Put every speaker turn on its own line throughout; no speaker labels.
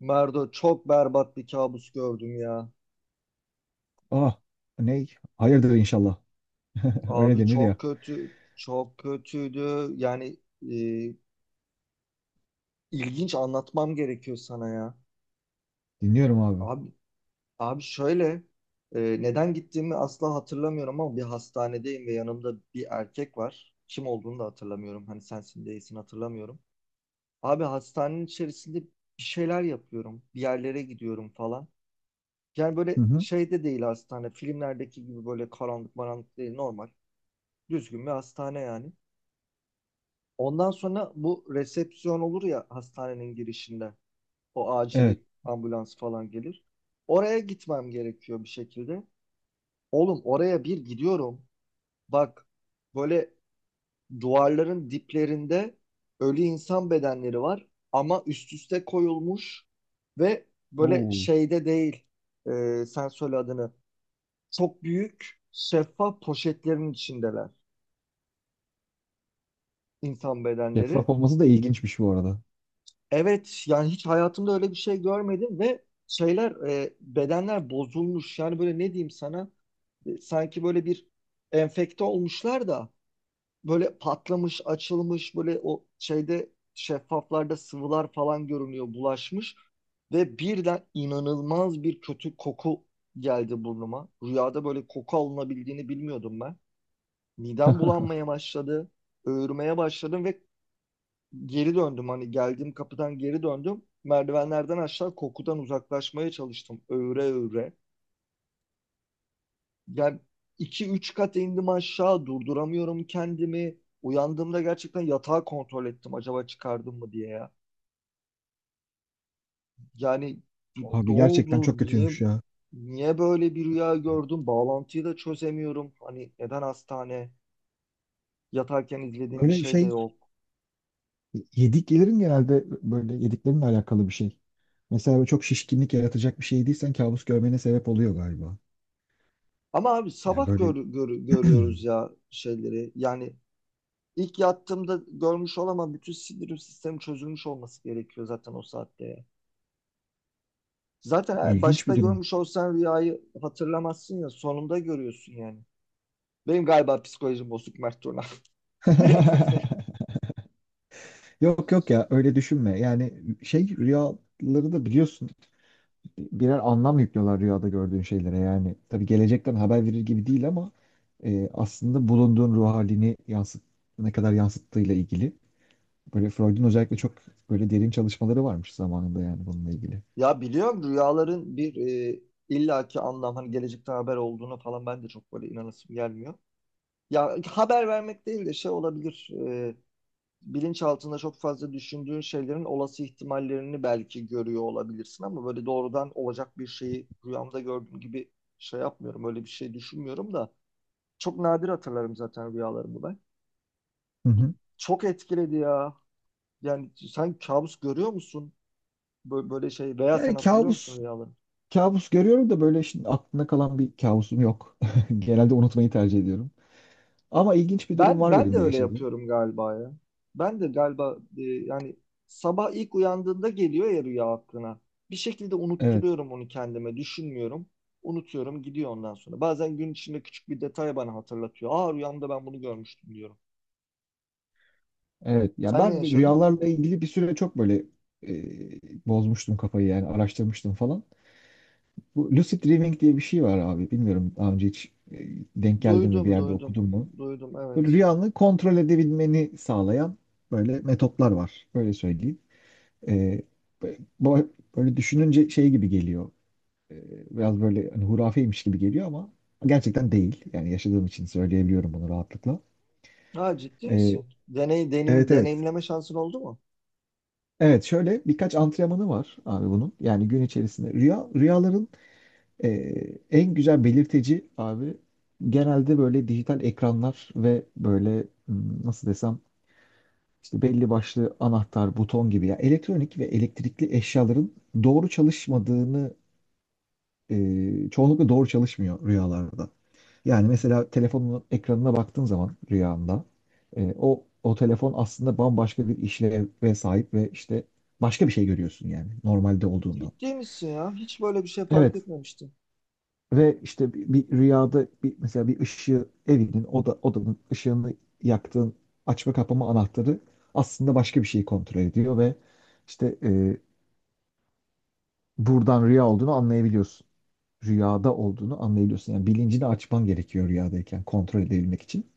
Merdo çok berbat bir kabus gördüm ya.
Ah, ne? Hayırdır inşallah. Öyle
Abi
denir ya.
çok kötü, çok kötüydü. Yani e, ilginç anlatmam gerekiyor sana ya.
Dinliyorum abi.
Abi, abi, şöyle, neden gittiğimi asla hatırlamıyorum ama bir hastanedeyim ve yanımda bir erkek var. Kim olduğunu da hatırlamıyorum. Hani sensin değilsin hatırlamıyorum. Abi hastanenin içerisinde bir şeyler yapıyorum. Bir yerlere gidiyorum falan. Yani
Hı
böyle
hı.
şey de değil hastane. Filmlerdeki gibi böyle karanlık maranlık değil, normal. Düzgün bir hastane yani. Ondan sonra bu resepsiyon olur ya hastanenin girişinde. O acil
Evet.
ambulans falan gelir. Oraya gitmem gerekiyor bir şekilde. Oğlum oraya bir gidiyorum. Bak, böyle duvarların diplerinde ölü insan bedenleri var ama üst üste koyulmuş ve böyle
Oo,
şeyde değil. Sen söyle adını. Çok büyük şeffaf poşetlerin içindeler, insan
şeffaf
bedenleri.
olması da ilginçmiş bu arada.
Evet, yani hiç hayatımda öyle bir şey görmedim ve şeyler, bedenler bozulmuş, yani böyle ne diyeyim sana. Sanki böyle bir enfekte olmuşlar da böyle patlamış, açılmış, böyle o şeyde, şeffaflarda sıvılar falan görünüyor, bulaşmış. Ve birden inanılmaz bir kötü koku geldi burnuma. Rüyada böyle koku alınabildiğini bilmiyordum ben. Midem bulanmaya başladı, öğürmeye başladım ve geri döndüm. Hani geldiğim kapıdan geri döndüm. Merdivenlerden aşağı kokudan uzaklaşmaya çalıştım. Öğre öğre. Yani iki üç kat indim aşağı. Durduramıyorum kendimi. Uyandığımda gerçekten yatağı kontrol ettim. Acaba çıkardım mı diye ya. Yani ne
Abi gerçekten
oldu?
çok
Niye
kötüymüş ya.
niye böyle bir rüya gördüm? Bağlantıyı da çözemiyorum. Hani neden hastane? Yatarken izlediğim bir
Böyle
şey de
şey
yok.
yediklerin genelde böyle yediklerinle alakalı bir şey. Mesela böyle çok şişkinlik yaratacak bir şey yediysen kabus görmene sebep oluyor galiba.
Ama abi
Ya
sabah
böyle
görüyoruz ya şeyleri. Yani İlk yattığımda görmüş olamam. Bütün sindirim sistemi çözülmüş olması gerekiyor zaten o saatte. Zaten
ilginç
başta
bir durum.
görmüş olsan rüyayı hatırlamazsın ya. Sonunda görüyorsun yani. Benim galiba psikolojim bozuk, Mert Turan.
Yok yok ya, öyle düşünme. Yani şey, rüyaları da biliyorsun, birer anlam yüklüyorlar rüyada gördüğün şeylere. Yani tabii gelecekten haber verir gibi değil ama aslında bulunduğun ruh halini yansıt, ne kadar yansıttığıyla ilgili. Böyle Freud'un özellikle çok böyle derin çalışmaları varmış zamanında, yani bununla ilgili.
Ya biliyorum, rüyaların bir illaki anlam, hani gelecekten haber olduğunu falan, ben de çok böyle inanasım gelmiyor. Ya haber vermek değil de şey olabilir. Bilinç altında çok fazla düşündüğün şeylerin olası ihtimallerini belki görüyor olabilirsin ama böyle doğrudan olacak bir şeyi rüyamda gördüğüm gibi şey yapmıyorum. Öyle bir şey düşünmüyorum da çok nadir hatırlarım zaten rüyalarımı ben.
Hı hı.
Çok etkiledi ya. Yani sen kabus görüyor musun? Böyle şey, veya sen
Yani
hatırlıyor musun
kabus
rüyaları?
kabus görüyorum da böyle şimdi aklımda kalan bir kabusum yok. Genelde unutmayı tercih ediyorum. Ama ilginç bir durum
Ben
var
ben
benim
de
de
öyle
yaşadığım.
yapıyorum galiba ya. Ben de galiba yani sabah ilk uyandığında geliyor ya rüya aklına. Bir şekilde
Evet,
unutturuyorum onu kendime, düşünmüyorum. Unutuyorum, gidiyor ondan sonra. Bazen gün içinde küçük bir detay bana hatırlatıyor. Aa, rüyamda ben bunu görmüştüm diyorum.
evet. Ya
Sen ne
ben
yaşadın?
rüyalarla ilgili bir süre çok böyle bozmuştum kafayı, yani araştırmıştım falan. Bu lucid dreaming diye bir şey var abi. Bilmiyorum, daha önce hiç denk geldin mi, bir
Duydum,
yerde
duydum.
okudun mu?
Duydum,
Böyle
evet.
rüyanı kontrol edebilmeni sağlayan böyle metotlar var. Böyle söyleyeyim. E, bu- Böyle düşününce şey gibi geliyor. E, Biraz böyle hani hurafeymiş gibi geliyor ama gerçekten değil. Yani yaşadığım için söyleyebiliyorum bunu rahatlıkla.
Ha, ciddi
E,
misin?
evet.
Deneyimleme şansın oldu mu?
Evet, şöyle birkaç antrenmanı var abi bunun. Yani gün içerisinde rüyaların Ee, en güzel belirteci abi genelde böyle dijital ekranlar ve böyle nasıl desem, işte belli başlı anahtar, buton gibi ya elektronik ve elektrikli eşyaların doğru çalışmadığını, çoğunlukla doğru çalışmıyor rüyalarda. Yani mesela telefonun ekranına baktığın zaman rüyanda o telefon aslında bambaşka bir işleve sahip ve işte başka bir şey görüyorsun yani normalde olduğundan.
Ciddi misin ya? Hiç böyle bir şey fark
Evet.
etmemiştim.
Ve işte bir rüyada bir, mesela bir ışığı evinin odanın ışığını yaktığın açma kapama anahtarı aslında başka bir şeyi kontrol ediyor ve işte buradan rüya olduğunu anlayabiliyorsun. Rüyada olduğunu anlayabiliyorsun. Yani bilincini açman gerekiyor rüyadayken kontrol edebilmek için.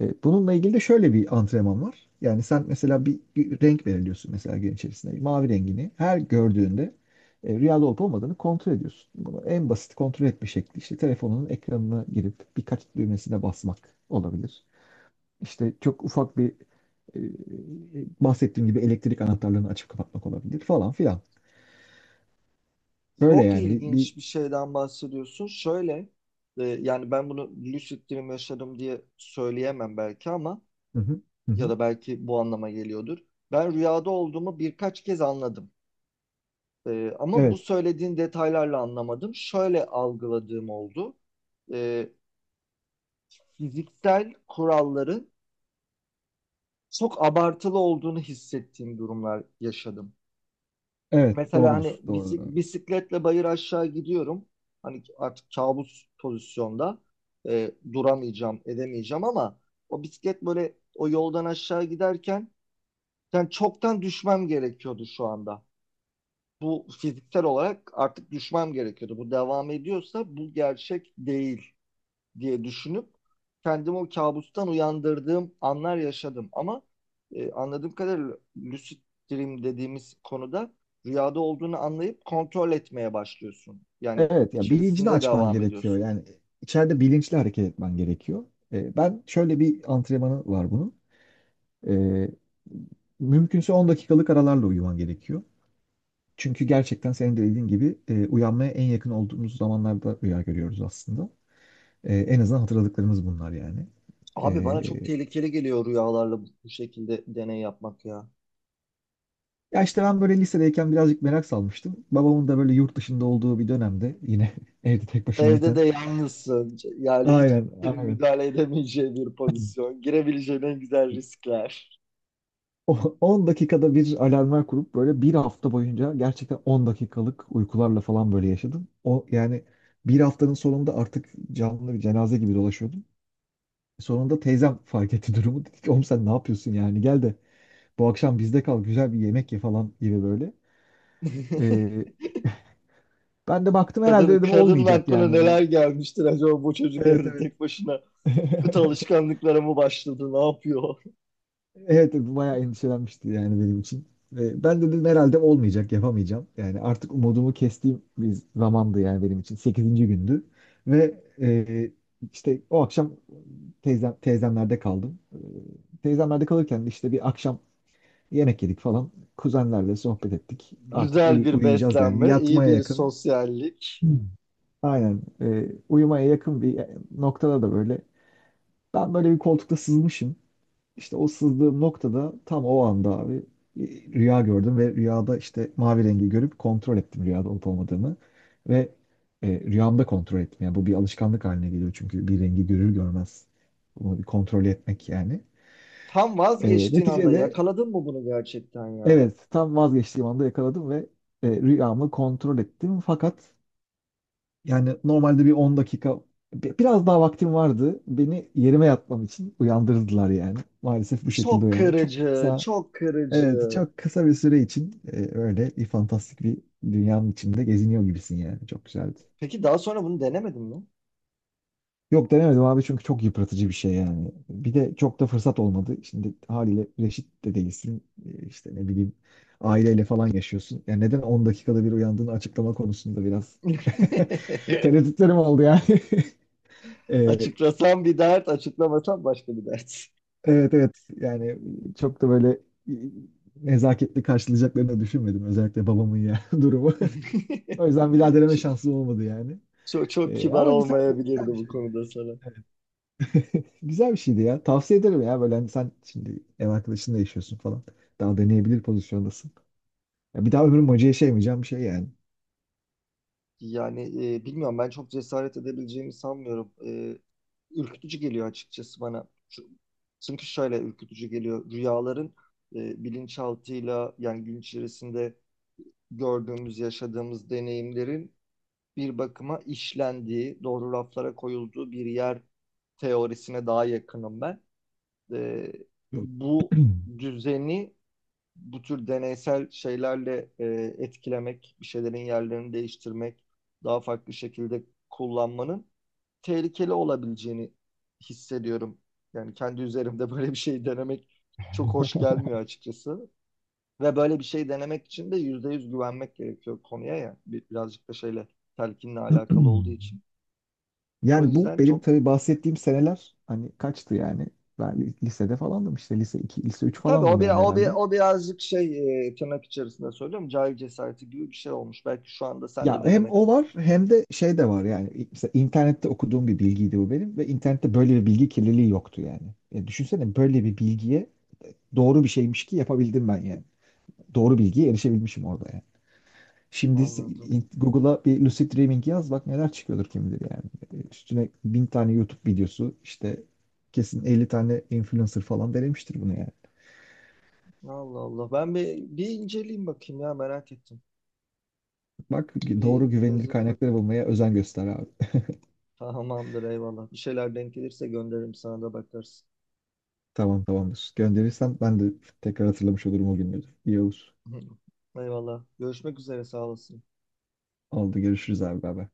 Bununla ilgili de şöyle bir antrenman var. Yani sen mesela bir renk belirliyorsun mesela gün içerisinde. Mavi rengini her gördüğünde rüyada olup olmadığını kontrol ediyorsun. Bunu en basit kontrol etme şekli işte telefonunun ekranına girip birkaç düğmesine basmak olabilir. İşte çok ufak bir e, bahsettiğim gibi elektrik anahtarlarını açıp kapatmak olabilir falan filan. Böyle
Çok
yani bir...
ilginç bir şeyden bahsediyorsun. Şöyle, yani ben bunu lucid dream yaşadım diye söyleyemem belki, ama
Hı hı, hı
ya
hı.
da belki bu anlama geliyordur. Ben rüyada olduğumu birkaç kez anladım. Ama bu
Evet,
söylediğin detaylarla anlamadım. Şöyle algıladığım oldu. E, Fiziksel kuralların çok abartılı olduğunu hissettiğim durumlar yaşadım.
evet,
Mesela hani
doğrudur, doğrudur abi.
bisikletle bayır aşağı gidiyorum. Hani artık kabus pozisyonda duramayacağım, edemeyeceğim ama o bisiklet böyle o yoldan aşağı giderken yani çoktan düşmem gerekiyordu şu anda. Bu fiziksel olarak artık düşmem gerekiyordu. Bu devam ediyorsa bu gerçek değil diye düşünüp kendimi o kabustan uyandırdığım anlar yaşadım. Ama anladığım kadarıyla lucid dream dediğimiz konuda rüyada olduğunu anlayıp kontrol etmeye başlıyorsun. Yani
Evet, ya bilincini
içerisinde
açman
devam
gerekiyor.
ediyorsun.
Yani içeride bilinçli hareket etmen gerekiyor. Ben şöyle bir antrenmanı var bunun. Ee, mümkünse 10 dakikalık aralarla uyuman gerekiyor. Çünkü gerçekten senin de dediğin gibi uyanmaya en yakın olduğumuz zamanlarda rüya görüyoruz aslında. En azından hatırladıklarımız bunlar yani.
Abi bana çok
Ee,
tehlikeli geliyor rüyalarla bu şekilde deney yapmak ya.
ya işte ben böyle lisedeyken birazcık merak salmıştım. Babamın da böyle yurt dışında olduğu bir dönemde yine evde tek
Evde
başımayken.
de yalnızsın. Yani hiç
Aynen,
kimsenin
aynen.
müdahale edemeyeceği bir pozisyon. Girebileceğin en güzel riskler.
10 dakikada bir alarmlar kurup böyle bir hafta boyunca gerçekten 10 dakikalık uykularla falan böyle yaşadım. O yani bir haftanın sonunda artık canlı bir cenaze gibi dolaşıyordum. Sonunda teyzem fark etti durumu. Dedi ki oğlum sen ne yapıyorsun yani, gel de bu akşam bizde kal, güzel bir yemek ye falan gibi böyle. Ee, ben de baktım herhalde,
Kadın,
dedim
kadının
olmayacak
aklına
yani
neler
bu.
gelmiştir acaba, bu çocuk
Evet
evde
evet.
tek başına kötü alışkanlıklara mı başladı? Ne yapıyor?
Evet, bayağı endişelenmişti yani benim için. Ve ben dedim herhalde olmayacak, yapamayacağım. Yani artık umudumu kestiğim bir zamandı yani benim için. Sekizinci gündü. Ve işte o akşam teyzemlerde kaldım. E, teyzemlerde kalırken de işte bir akşam yemek yedik falan. Kuzenlerle sohbet ettik. Artık
Güzel bir
uyuyacağız yani.
beslenme, iyi
Yatmaya
bir
yakın.
sosyallik.
Hmm. Aynen. E, uyumaya yakın bir noktada da böyle. Ben böyle bir koltukta sızmışım. İşte o sızdığım noktada tam o anda abi bir rüya gördüm ve rüyada işte mavi rengi görüp kontrol ettim rüyada olup olmadığını ve rüyamda kontrol ettim. Yani bu bir alışkanlık haline geliyor çünkü bir rengi görür görmez bunu bir kontrol etmek yani.
Tam vazgeçtiğin anda
Neticede
yakaladın mı bunu gerçekten ya?
evet, tam vazgeçtiğim anda yakaladım ve rüyamı kontrol ettim fakat yani normalde bir 10 dakika biraz daha vaktim vardı. Beni yerime yatmam için uyandırdılar yani. Maalesef bu şekilde
Çok
uyandım. Çok
kırıcı,
kısa.
çok
Evet,
kırıcı.
çok kısa bir süre için öyle bir fantastik bir dünyanın içinde geziniyor gibisin yani. Çok güzeldi.
Peki daha sonra bunu denemedin mi?
Yok, denemedim abi çünkü çok yıpratıcı bir şey yani. Bir de çok da fırsat olmadı. Şimdi haliyle reşit de değilsin. E, işte ne bileyim aileyle falan yaşıyorsun. Yani neden 10 dakikada bir uyandığını açıklama konusunda biraz tereddütlerim oldu yani. E,
Açıklasam bir dert, açıklamasam başka bir dert.
evet, yani çok da böyle e, nezaketli karşılayacaklarını da düşünmedim. Özellikle babamın ya durumu. O yüzden bir daha deneme şansım olmadı yani.
Çok kibar
Ama güzel,
olmayabilirdi
güzel bir
bu
şeydi.
konuda sana.
Güzel bir şeydi ya. Tavsiye ederim ya. Böyle hani sen şimdi ev arkadaşınla yaşıyorsun falan. Daha deneyebilir pozisyondasın. Ya bir daha ömrüm acı yaşayamayacağım bir şey yani.
Yani bilmiyorum, ben çok cesaret edebileceğimi sanmıyorum. Ürkütücü geliyor açıkçası bana. Çünkü şöyle ürkütücü geliyor. Rüyaların bilinçaltıyla, yani gün içerisinde gördüğümüz, yaşadığımız deneyimlerin bir bakıma işlendiği, doğru raflara koyulduğu bir yer teorisine daha yakınım ben. E,
Yok.
Bu düzeni bu tür deneysel şeylerle etkilemek, bir şeylerin yerlerini değiştirmek, daha farklı şekilde kullanmanın tehlikeli olabileceğini hissediyorum. Yani kendi üzerimde böyle bir şey denemek çok hoş gelmiyor açıkçası. Ve böyle bir şey denemek için de yüzde yüz güvenmek gerekiyor konuya ya. Birazcık da şeyle, telkinle alakalı olduğu için. O
Yani bu
yüzden
benim
çok.
tabii bahsettiğim seneler hani kaçtı yani. Ben lisede falandım, işte lise 2 lise 3
Tabii
falandım
o bir,
yani
o bir,
herhalde.
o birazcık şey, tırnak içerisinde söylüyorum, cahil cesareti gibi bir şey olmuş. Belki şu anda sen de
Ya hem
denemek
o var
istersin.
hem de şey de var yani, mesela internette okuduğum bir bilgiydi bu benim ve internette böyle bir bilgi kirliliği yoktu yani. Ya düşünsene böyle bir bilgiye, doğru bir şeymiş ki yapabildim ben yani. Doğru bilgiye erişebilmişim orada yani. Şimdi
Anladım.
Google'a bir lucid dreaming yaz, bak neler çıkıyordur kim bilir yani. Üstüne bin tane YouTube videosu işte kesin 50 tane influencer falan denemiştir bunu yani.
Allah Allah. Ben bir inceleyeyim bakayım ya, merak ettim.
Bak,
Bir
doğru güvenilir
yazıp
kaynakları
bakayım.
bulmaya özen göster abi.
Tamamdır, eyvallah. Bir şeyler denk gelirse gönderirim, sana da bakarsın.
Tamam, tamamdır. Gönderirsen ben de tekrar hatırlamış olurum o günleri. İyi olur.
Eyvallah. Görüşmek üzere, sağ olasın.
Oldu, görüşürüz abi baba.